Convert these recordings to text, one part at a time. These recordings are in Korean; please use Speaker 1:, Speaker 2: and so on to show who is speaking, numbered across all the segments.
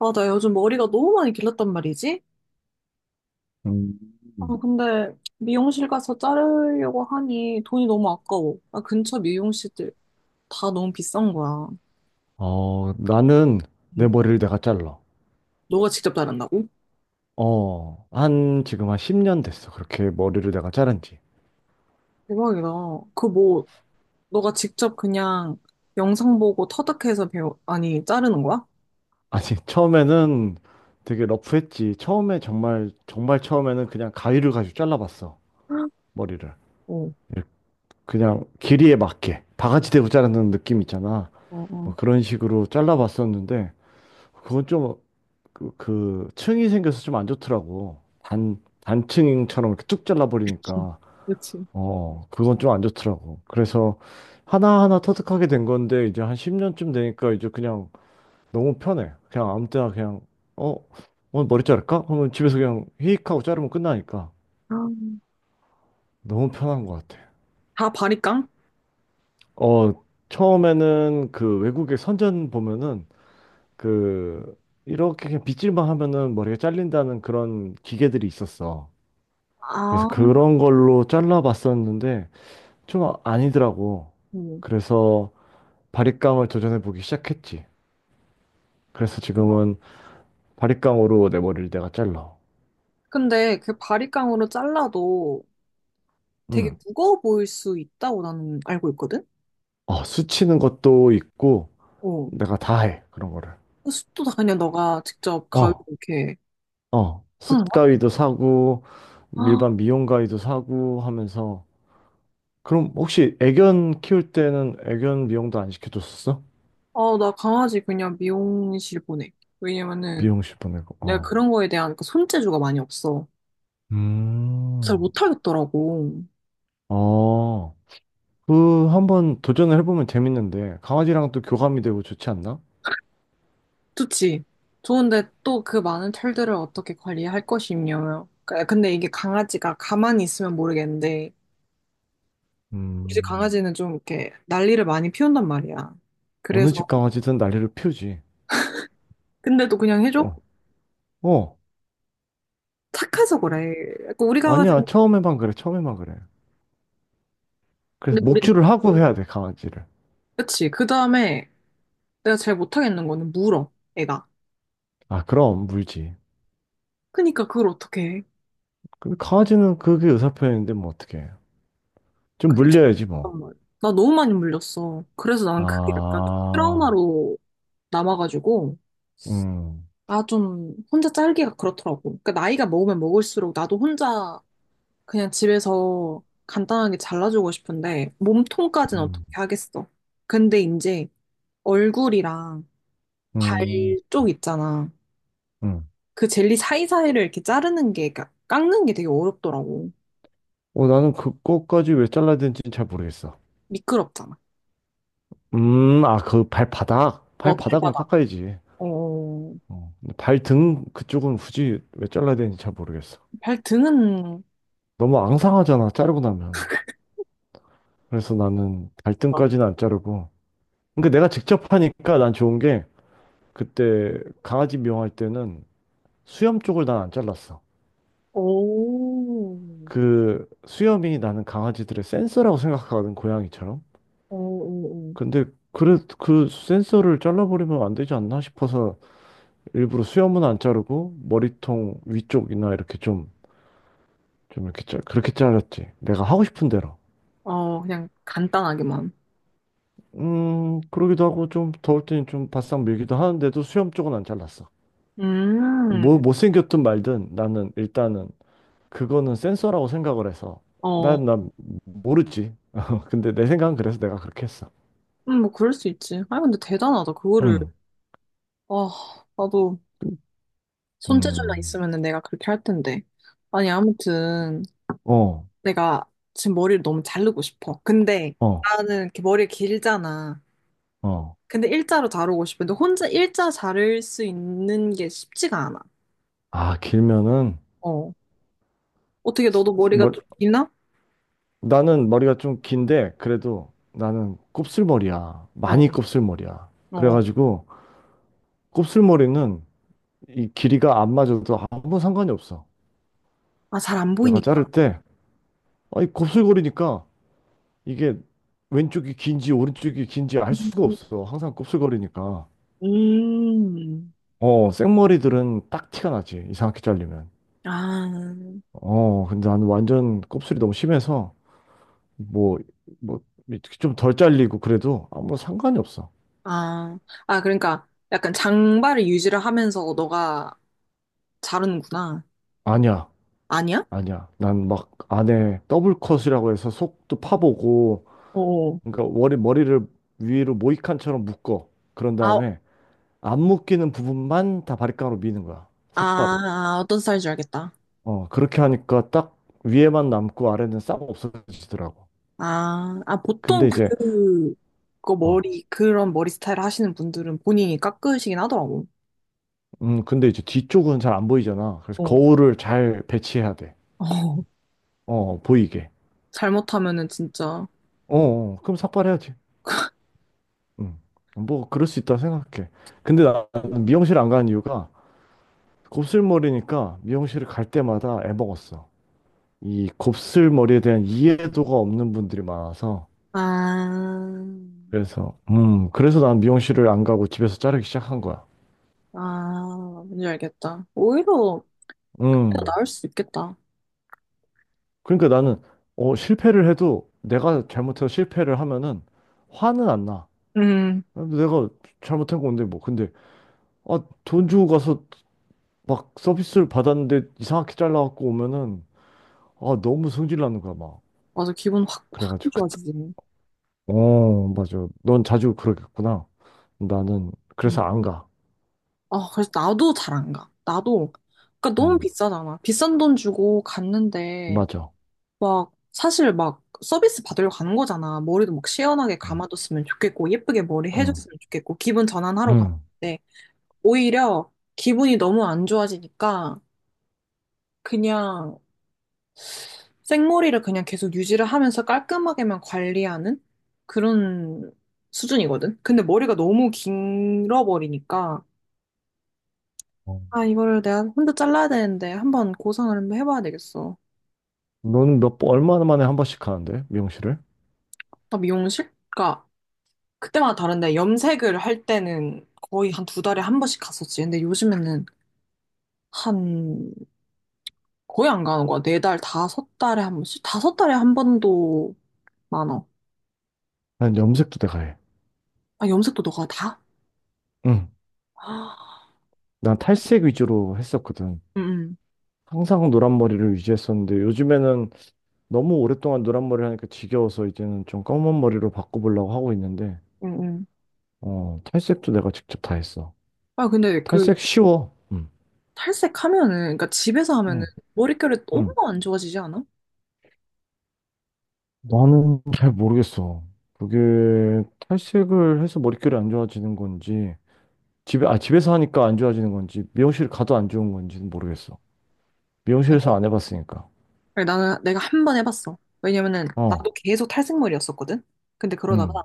Speaker 1: 아, 나 요즘 머리가 너무 많이 길렀단 말이지? 아,
Speaker 2: 음.
Speaker 1: 근데 미용실 가서 자르려고 하니 돈이 너무 아까워. 아, 근처 미용실들 다 너무 비싼 거야.
Speaker 2: 어, 나는 내
Speaker 1: 응.
Speaker 2: 머리를 내가 잘라.
Speaker 1: 너가 직접 자른다고?
Speaker 2: 어, 지금 한 10년 됐어. 그렇게 머리를 내가 자른 지.
Speaker 1: 대박이다. 그 뭐, 너가 직접 그냥 영상 보고 터득해서 배워, 아니, 자르는 거야?
Speaker 2: 아니, 처음에는 되게 러프했지. 처음에 정말, 정말 처음에는 그냥 가위를 가지고 잘라봤어. 머리를.
Speaker 1: 어,
Speaker 2: 이렇게 그냥 길이에 맞게. 바가지 대고 자르는 느낌 있잖아.
Speaker 1: 어, 어.
Speaker 2: 뭐 그런 식으로 잘라봤었는데, 그건 좀, 그 층이 생겨서 좀 안 좋더라고. 단층처럼 이렇게 쭉
Speaker 1: 그치.
Speaker 2: 잘라버리니까.
Speaker 1: 그치.
Speaker 2: 어, 그건 좀 안 좋더라고. 그래서 하나하나 터득하게 된 건데, 이제 한 10년쯤 되니까 이제 그냥 너무 편해. 그냥 아무 때나 그냥, 어, 오늘 머리 자를까? 그러면 집에서 그냥 히익 하고 자르면 끝나니까
Speaker 1: 아,
Speaker 2: 너무 편한 것 같아.
Speaker 1: 다 바리깡?
Speaker 2: 어, 처음에는 그 외국의 선전 보면은 그 이렇게 그냥 빗질만 하면은 머리가 잘린다는 그런 기계들이 있었어. 그래서
Speaker 1: 아,
Speaker 2: 그런 걸로 잘라봤었는데 좀 아니더라고. 그래서 바리깡을 도전해보기 시작했지. 그래서
Speaker 1: 응.
Speaker 2: 지금은 바리깡으로 내 머리를 내가 잘라.
Speaker 1: 근데 그 바리깡으로 잘라도 되게
Speaker 2: 응.
Speaker 1: 무거워 보일 수 있다고 나는 알고 있거든?
Speaker 2: 어, 수치는 것도 있고,
Speaker 1: 어.
Speaker 2: 내가 다 해, 그런 거를.
Speaker 1: 호스도 다 그냥 너가 직접 가위로
Speaker 2: 어,
Speaker 1: 이렇게
Speaker 2: 어.
Speaker 1: 하는 거야?
Speaker 2: 숯가위도 사고,
Speaker 1: 아,
Speaker 2: 일반 미용가위도 사고 하면서. 그럼 혹시 애견 키울 때는 애견 미용도 안 시켜줬었어?
Speaker 1: 어, 나 강아지 그냥 미용실 보내. 왜냐면은
Speaker 2: 미용실 보내고,
Speaker 1: 내가
Speaker 2: 어.
Speaker 1: 그런 거에 대한 그 손재주가 많이 없어. 잘
Speaker 2: 음.
Speaker 1: 못하겠더라고.
Speaker 2: 어, 한번 도전을 해보면 재밌는데, 강아지랑 또 교감이 되고 좋지 않나?
Speaker 1: 좋지. 좋은데 또 그 많은 털들을 어떻게 관리할 것이며. 근데 이게 강아지가 가만히 있으면 모르겠는데, 우리 집
Speaker 2: 음.
Speaker 1: 강아지는 좀 이렇게 난리를 많이 피운단 말이야.
Speaker 2: 어느
Speaker 1: 그래서,
Speaker 2: 집 강아지든 난리를 피우지.
Speaker 1: 근데 또 그냥 해줘?
Speaker 2: 어, 어,
Speaker 1: 착해서 그래. 약간 우리 강아지는,
Speaker 2: 아니야. 처음에만 그래, 처음에만 그래. 그래서
Speaker 1: 근데 우리,
Speaker 2: 목줄을 하고 해야 돼, 강아지를.
Speaker 1: 그치. 그 다음에, 내가 제일 못하겠는 거는 물어, 애가.
Speaker 2: 아, 그럼 물지.
Speaker 1: 그니까 그걸 어떻게 해?
Speaker 2: 근데 강아지는 그게 의사표현인데 뭐 어떡해. 좀
Speaker 1: 그게
Speaker 2: 물려야지 뭐.
Speaker 1: 참 말이야. 나 너무 많이 물렸어. 그래서 난 그게 약간 좀
Speaker 2: 아,
Speaker 1: 트라우마로 남아가지고,
Speaker 2: 음,
Speaker 1: 나 좀 혼자 짤기가 그렇더라고. 그러니까 나이가 먹으면 먹을수록 나도 혼자 그냥 집에서 간단하게 잘라주고 싶은데, 몸통까지는
Speaker 2: 음,
Speaker 1: 어떻게 하겠어. 근데 이제 얼굴이랑 발
Speaker 2: 음,
Speaker 1: 쪽 있잖아.
Speaker 2: 음.
Speaker 1: 그 젤리 사이사이를 이렇게 자르는 게, 그러니까 깎는 게 되게 어렵더라고.
Speaker 2: 어, 나는 그거까지 왜 잘라야 되는지는 잘 모르겠어.
Speaker 1: 미끄럽잖아.
Speaker 2: 아, 그 발바닥.
Speaker 1: 어,
Speaker 2: 발바닥은
Speaker 1: 발바닥.
Speaker 2: 깎아야지.
Speaker 1: 어,
Speaker 2: 어, 근데 발등 그쪽은 굳이 왜 잘라야 되는지 잘 모르겠어.
Speaker 1: 발등은
Speaker 2: 너무 앙상하잖아, 자르고 나면. 그래서 나는
Speaker 1: 막.
Speaker 2: 갈등까지는 안 자르고. 그러니까 내가 직접 하니까 난 좋은 게 그때 강아지 미용할 때는 수염 쪽을 난 안 잘랐어.
Speaker 1: 오,
Speaker 2: 그 수염이 나는 강아지들의 센서라고 생각하거든, 고양이처럼.
Speaker 1: 어, 어, 어.
Speaker 2: 근데 그래, 그 센서를 잘라버리면 안 되지 않나 싶어서 일부러 수염은 안 자르고 머리통 위쪽이나 이렇게 좀, 그렇게 잘랐지. 내가 하고 싶은 대로.
Speaker 1: 어 그냥 간단하게만.
Speaker 2: 그러기도 하고 좀 더울 때는 좀 바싹 밀기도 하는데도 수염 쪽은 안 잘랐어.
Speaker 1: 음,
Speaker 2: 뭐 못생겼든 말든 나는 일단은 그거는 센서라고 생각을 해서
Speaker 1: 어,
Speaker 2: 난 모르지. 근데 내 생각은 그래서 내가 그렇게 했어.
Speaker 1: 뭐 그럴 수 있지. 아 근데 대단하다. 그거를
Speaker 2: 응.
Speaker 1: 아 나도 손재주만 있으
Speaker 2: 음,
Speaker 1: 면 내가 그렇게 할 텐데. 아니 아무튼
Speaker 2: 어,
Speaker 1: 내가 지금 머리를 너무 자르고 싶어. 근데
Speaker 2: 어,
Speaker 1: 나는 이렇게 머리 길잖아.
Speaker 2: 어.
Speaker 1: 근데 일자로 자르고 싶은데 혼자 일자 자를 수 있는 게 쉽지가 않아.
Speaker 2: 아, 길면은
Speaker 1: 어 어떻게 너도 머리가
Speaker 2: 뭐,
Speaker 1: 좀 기나?
Speaker 2: 나는 머리가 좀 긴데 그래도 나는 곱슬머리야.
Speaker 1: 어, 어.
Speaker 2: 많이 곱슬머리야.
Speaker 1: 어.
Speaker 2: 그래가지고 곱슬머리는 이 길이가 안 맞아도 아무 상관이 없어.
Speaker 1: 아, 잘 안
Speaker 2: 내가
Speaker 1: 보이니까.
Speaker 2: 자를 때 아니 곱슬거리니까 이게 왼쪽이 긴지 오른쪽이 긴지 알 수가 없어. 항상 곱슬거리니까.
Speaker 1: 음.
Speaker 2: 어, 생머리들은 딱 티가 나지. 이상하게 잘리면.
Speaker 1: 아,
Speaker 2: 어, 근데 나는 완전 곱슬이 너무 심해서 뭐, 뭐, 좀 덜 잘리고 그래도 아무 상관이 없어.
Speaker 1: 아, 아, 그러니까 약간 장발을 유지를 하면서 너가 자르는구나.
Speaker 2: 아니야,
Speaker 1: 아니야?
Speaker 2: 아니야. 난 막 안에 더블 컷이라고 해서 속도 파보고,
Speaker 1: 어,
Speaker 2: 그러니까 머리를 위로 모이칸처럼 묶어. 그런
Speaker 1: 아,
Speaker 2: 다음에 안 묶이는 부분만 다 바리깡으로 미는 거야.
Speaker 1: 아,
Speaker 2: 삭발로.
Speaker 1: 아, 어떤 스타일인지 알겠다.
Speaker 2: 어, 그렇게 하니까 딱 위에만 남고 아래는 싹 없어지더라고.
Speaker 1: 아, 아, 보통
Speaker 2: 근데 이제,
Speaker 1: 그
Speaker 2: 어,
Speaker 1: 머리, 그런 머리 스타일 하시는 분들은 본인이 깎으시긴 하더라고.
Speaker 2: 근데 이제 뒤쪽은 잘 안 보이잖아. 그래서
Speaker 1: 어.
Speaker 2: 거울을 잘 배치해야 돼.
Speaker 1: 어,
Speaker 2: 어, 보이게.
Speaker 1: 잘못하면은 진짜.
Speaker 2: 어, 어, 그럼 삭발해야지. 음, 뭐, 그럴 수 있다 생각해. 근데 나는 미용실 안 가는 이유가 곱슬머리니까 미용실을 갈 때마다 애먹었어. 이 곱슬머리에 대한 이해도가 없는 분들이 많아서.
Speaker 1: 아,
Speaker 2: 그래서 난 미용실을 안 가고 집에서 자르기 시작한 거야.
Speaker 1: 아, 뭔지 알겠다. 오히려
Speaker 2: 음,
Speaker 1: 나을 수 있겠다.
Speaker 2: 그러니까 나는 실패를 해도 내가 잘못해서 실패를 하면은 화는 안 나.
Speaker 1: 음.
Speaker 2: 내가 잘못한 건데 뭐. 근데 아, 돈 주고 가서 막 서비스를 받았는데 이상하게 잘라갖고 오면은 아 너무 성질 나는 거야 막.
Speaker 1: 맞아, 기분 확, 확
Speaker 2: 그래가지고 그때
Speaker 1: 좋아지지.
Speaker 2: 어 맞아 넌 자주 그러겠구나. 나는 그래서
Speaker 1: 응.
Speaker 2: 안 가.
Speaker 1: 아, 그래서 나도 잘 안 가. 나도, 그러니까 너무
Speaker 2: 응
Speaker 1: 비싸잖아. 비싼 돈 주고 갔는데,
Speaker 2: 맞아.
Speaker 1: 막, 사실 막 서비스 받으러 가는 거잖아. 머리도 막 시원하게
Speaker 2: 응
Speaker 1: 감아줬으면 좋겠고, 예쁘게 머리
Speaker 2: 응.
Speaker 1: 해줬으면 좋겠고, 기분 전환하러
Speaker 2: 응.
Speaker 1: 갔는데, 오히려 기분이 너무 안 좋아지니까, 그냥 생머리를 그냥 계속 유지를 하면서 깔끔하게만 관리하는 그런 수준이거든. 근데 머리가 너무 길어버리니까,
Speaker 2: 어.
Speaker 1: 아, 이거를 내가 혼자 잘라야 되는데 한번 고생을 한번 해봐야 되겠어.
Speaker 2: 너는 몇 번 얼마나 만에 한 번씩 가는데 미용실을?
Speaker 1: 나 미용실? 그러니까 그때마다 다른데 염색을 할 때는 거의 한 두 달에 한 번씩 갔었지. 근데 요즘에는 한 거의 안 가는 거야. 4달, 다섯 달에 한 번씩? 다섯 달에 한 번도 많아.
Speaker 2: 난 염색도 내가 해.
Speaker 1: 아, 염색도 너가 다?
Speaker 2: 응.
Speaker 1: 아,
Speaker 2: 난 탈색 위주로 했었거든.
Speaker 1: 응,
Speaker 2: 항상 노란 머리를 유지했었는데 요즘에는 너무 오랫동안 노란 머리를 하니까 지겨워서 이제는 좀 검은 머리로 바꿔보려고 하고 있는데
Speaker 1: 응, 응. 응.
Speaker 2: 어, 탈색도 내가 직접 다 했어.
Speaker 1: 아, 근데 그
Speaker 2: 탈색 쉬워. 응.
Speaker 1: 탈색하면은, 그러니까 집에서 하면은
Speaker 2: 응.
Speaker 1: 머릿결이 너무
Speaker 2: 응.
Speaker 1: 안 좋아지지 않아?
Speaker 2: 나는 잘 모르겠어. 그게 탈색을 해서 머릿결이 안 좋아지는 건지 집에서 하니까 안 좋아지는 건지 미용실 가도 안 좋은 건지는 모르겠어. 미용실에서 안 해봤으니까.
Speaker 1: 그래, 나는 내가 한 번 해봤어. 왜냐면은 나도
Speaker 2: 어.
Speaker 1: 계속 탈색머리였었거든? 근데 그러다가
Speaker 2: 응.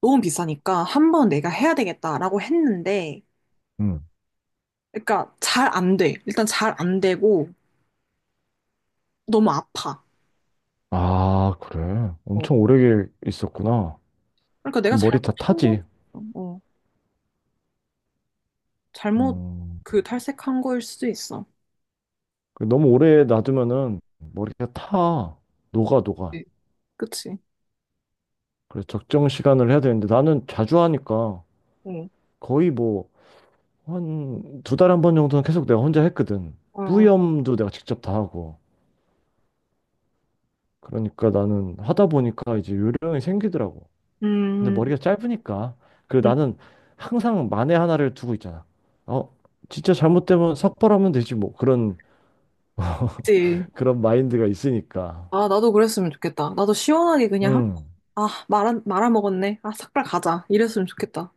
Speaker 1: 너무 비싸니까 한 번 내가 해야 되겠다라고 했는데,
Speaker 2: 응.
Speaker 1: 그러니까 잘 안 돼. 일단 잘 안 되고 너무 아파.
Speaker 2: 아, 그래.
Speaker 1: 어.
Speaker 2: 엄청 오래 있었구나.
Speaker 1: 그러니까 내가
Speaker 2: 그럼 머리 다
Speaker 1: 잘못한 걸
Speaker 2: 타지.
Speaker 1: 수도 있어. 어. 잘못
Speaker 2: 음,
Speaker 1: 그 탈색한 거일 수도 있어.
Speaker 2: 너무 오래 놔두면은 머리가 타. 녹아, 녹아.
Speaker 1: 네. 그치?
Speaker 2: 그래서 적정 시간을 해야 되는데 나는 자주 하니까
Speaker 1: 응.
Speaker 2: 거의 뭐 한 두 달에 한 번 정도는 계속 내가 혼자 했거든.
Speaker 1: 어. 어.
Speaker 2: 뿌염도 내가 직접 다 하고. 그러니까 나는 하다 보니까 이제 요령이 생기더라고. 근데
Speaker 1: 음,
Speaker 2: 머리가 짧으니까. 그리고
Speaker 1: 음,
Speaker 2: 나는 항상 만에 하나를 두고 있잖아. 어, 진짜 잘못되면 삭발하면 되지 뭐.
Speaker 1: 그치.
Speaker 2: 그런 마인드가 있으니까.
Speaker 1: 아, 나도 그랬으면 좋겠다. 나도 시원하게 그냥,
Speaker 2: 음.
Speaker 1: 아, 말아먹었네. 아, 삭발 가자. 이랬으면 좋겠다.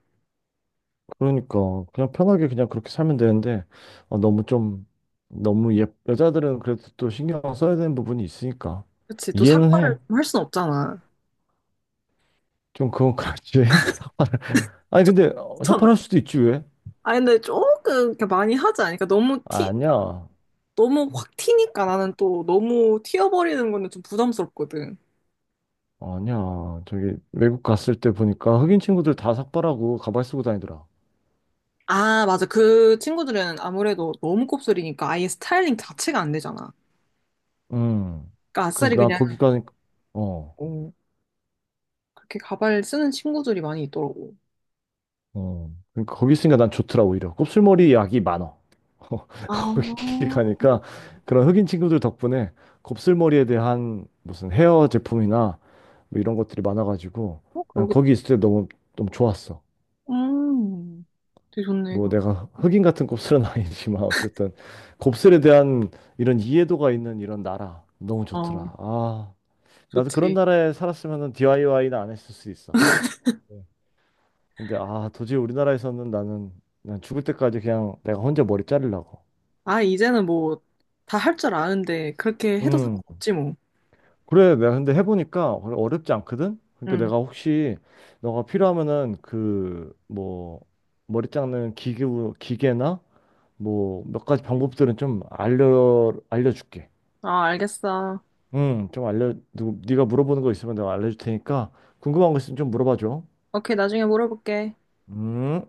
Speaker 2: 그러니까 그냥 편하게 그냥 그렇게 살면 되는데 어, 너무 좀 너무 예 여자들은 그래도 또 신경 써야 되는 부분이 있으니까
Speaker 1: 그치. 또
Speaker 2: 이해는 해.
Speaker 1: 삭발을 할 순 없잖아.
Speaker 2: 좀 그건 그렇지. 삭발을. 아니
Speaker 1: 좀
Speaker 2: 근데
Speaker 1: 추천을.
Speaker 2: 삭발할 수도 있지 왜?
Speaker 1: 아 근데 조금 이렇게 많이 하지 않으니까 너무
Speaker 2: 아,
Speaker 1: 티 그러니까
Speaker 2: 아니야.
Speaker 1: 너무 확 튀니까 나는 또 너무 튀어버리는 거는 좀 부담스럽거든.
Speaker 2: 아니야. 저기 외국 갔을 때 보니까 흑인 친구들 다 삭발하고 가발 쓰고 다니더라.
Speaker 1: 아 맞아 그 친구들은 아무래도 너무 곱슬이니까 아예 스타일링 자체가 안 되잖아.
Speaker 2: 음.
Speaker 1: 그러니까
Speaker 2: 그래서
Speaker 1: 아싸리
Speaker 2: 나
Speaker 1: 그냥
Speaker 2: 거기 가니까 어.
Speaker 1: 어, 그렇게 가발 쓰는 친구들이 많이 있더라고.
Speaker 2: 어, 그러니까 거기 있으니까 난 좋더라 오히려. 곱슬머리 약이 많어.
Speaker 1: 아,
Speaker 2: 거기
Speaker 1: 어,
Speaker 2: 가니까 그런 흑인 친구들 덕분에 곱슬머리에 대한 무슨 헤어 제품이나 뭐 이런 것들이 많아가지고 난
Speaker 1: 그러게.
Speaker 2: 거기 있을 때 너무 너무 좋았어.
Speaker 1: 음, 되게 좋네.
Speaker 2: 뭐
Speaker 1: 이거.
Speaker 2: 내가 흑인 같은 곱슬은 아니지만 어쨌든 곱슬에 대한 이런 이해도가 있는 이런 나라 너무
Speaker 1: 어,
Speaker 2: 좋더라. 아, 나도 그런
Speaker 1: 좋지.
Speaker 2: 나라에 살았으면 DIY는 안 했을 수 있어. 근데 아 도저히 우리나라에서는 나는 난 죽을 때까지 그냥 내가 혼자 머리 자르려고.
Speaker 1: 아, 이제는 뭐, 다 할 줄 아는데, 그렇게 해도
Speaker 2: 음
Speaker 1: 상관없지, 뭐.
Speaker 2: 그래 내가 근데 해보니까 어렵지 않거든. 그러니까
Speaker 1: 응.
Speaker 2: 내가 혹시 너가 필요하면은 뭐 머리 자르는 기구 기계나 뭐 몇 가지 방법들은 좀 알려줄게.
Speaker 1: 아, 알겠어.
Speaker 2: 좀 알려 누 네가 물어보는 거 있으면 내가 알려줄 테니까 궁금한 거 있으면 좀 물어봐 줘.
Speaker 1: 오케이, 나중에 물어볼게.
Speaker 2: 음.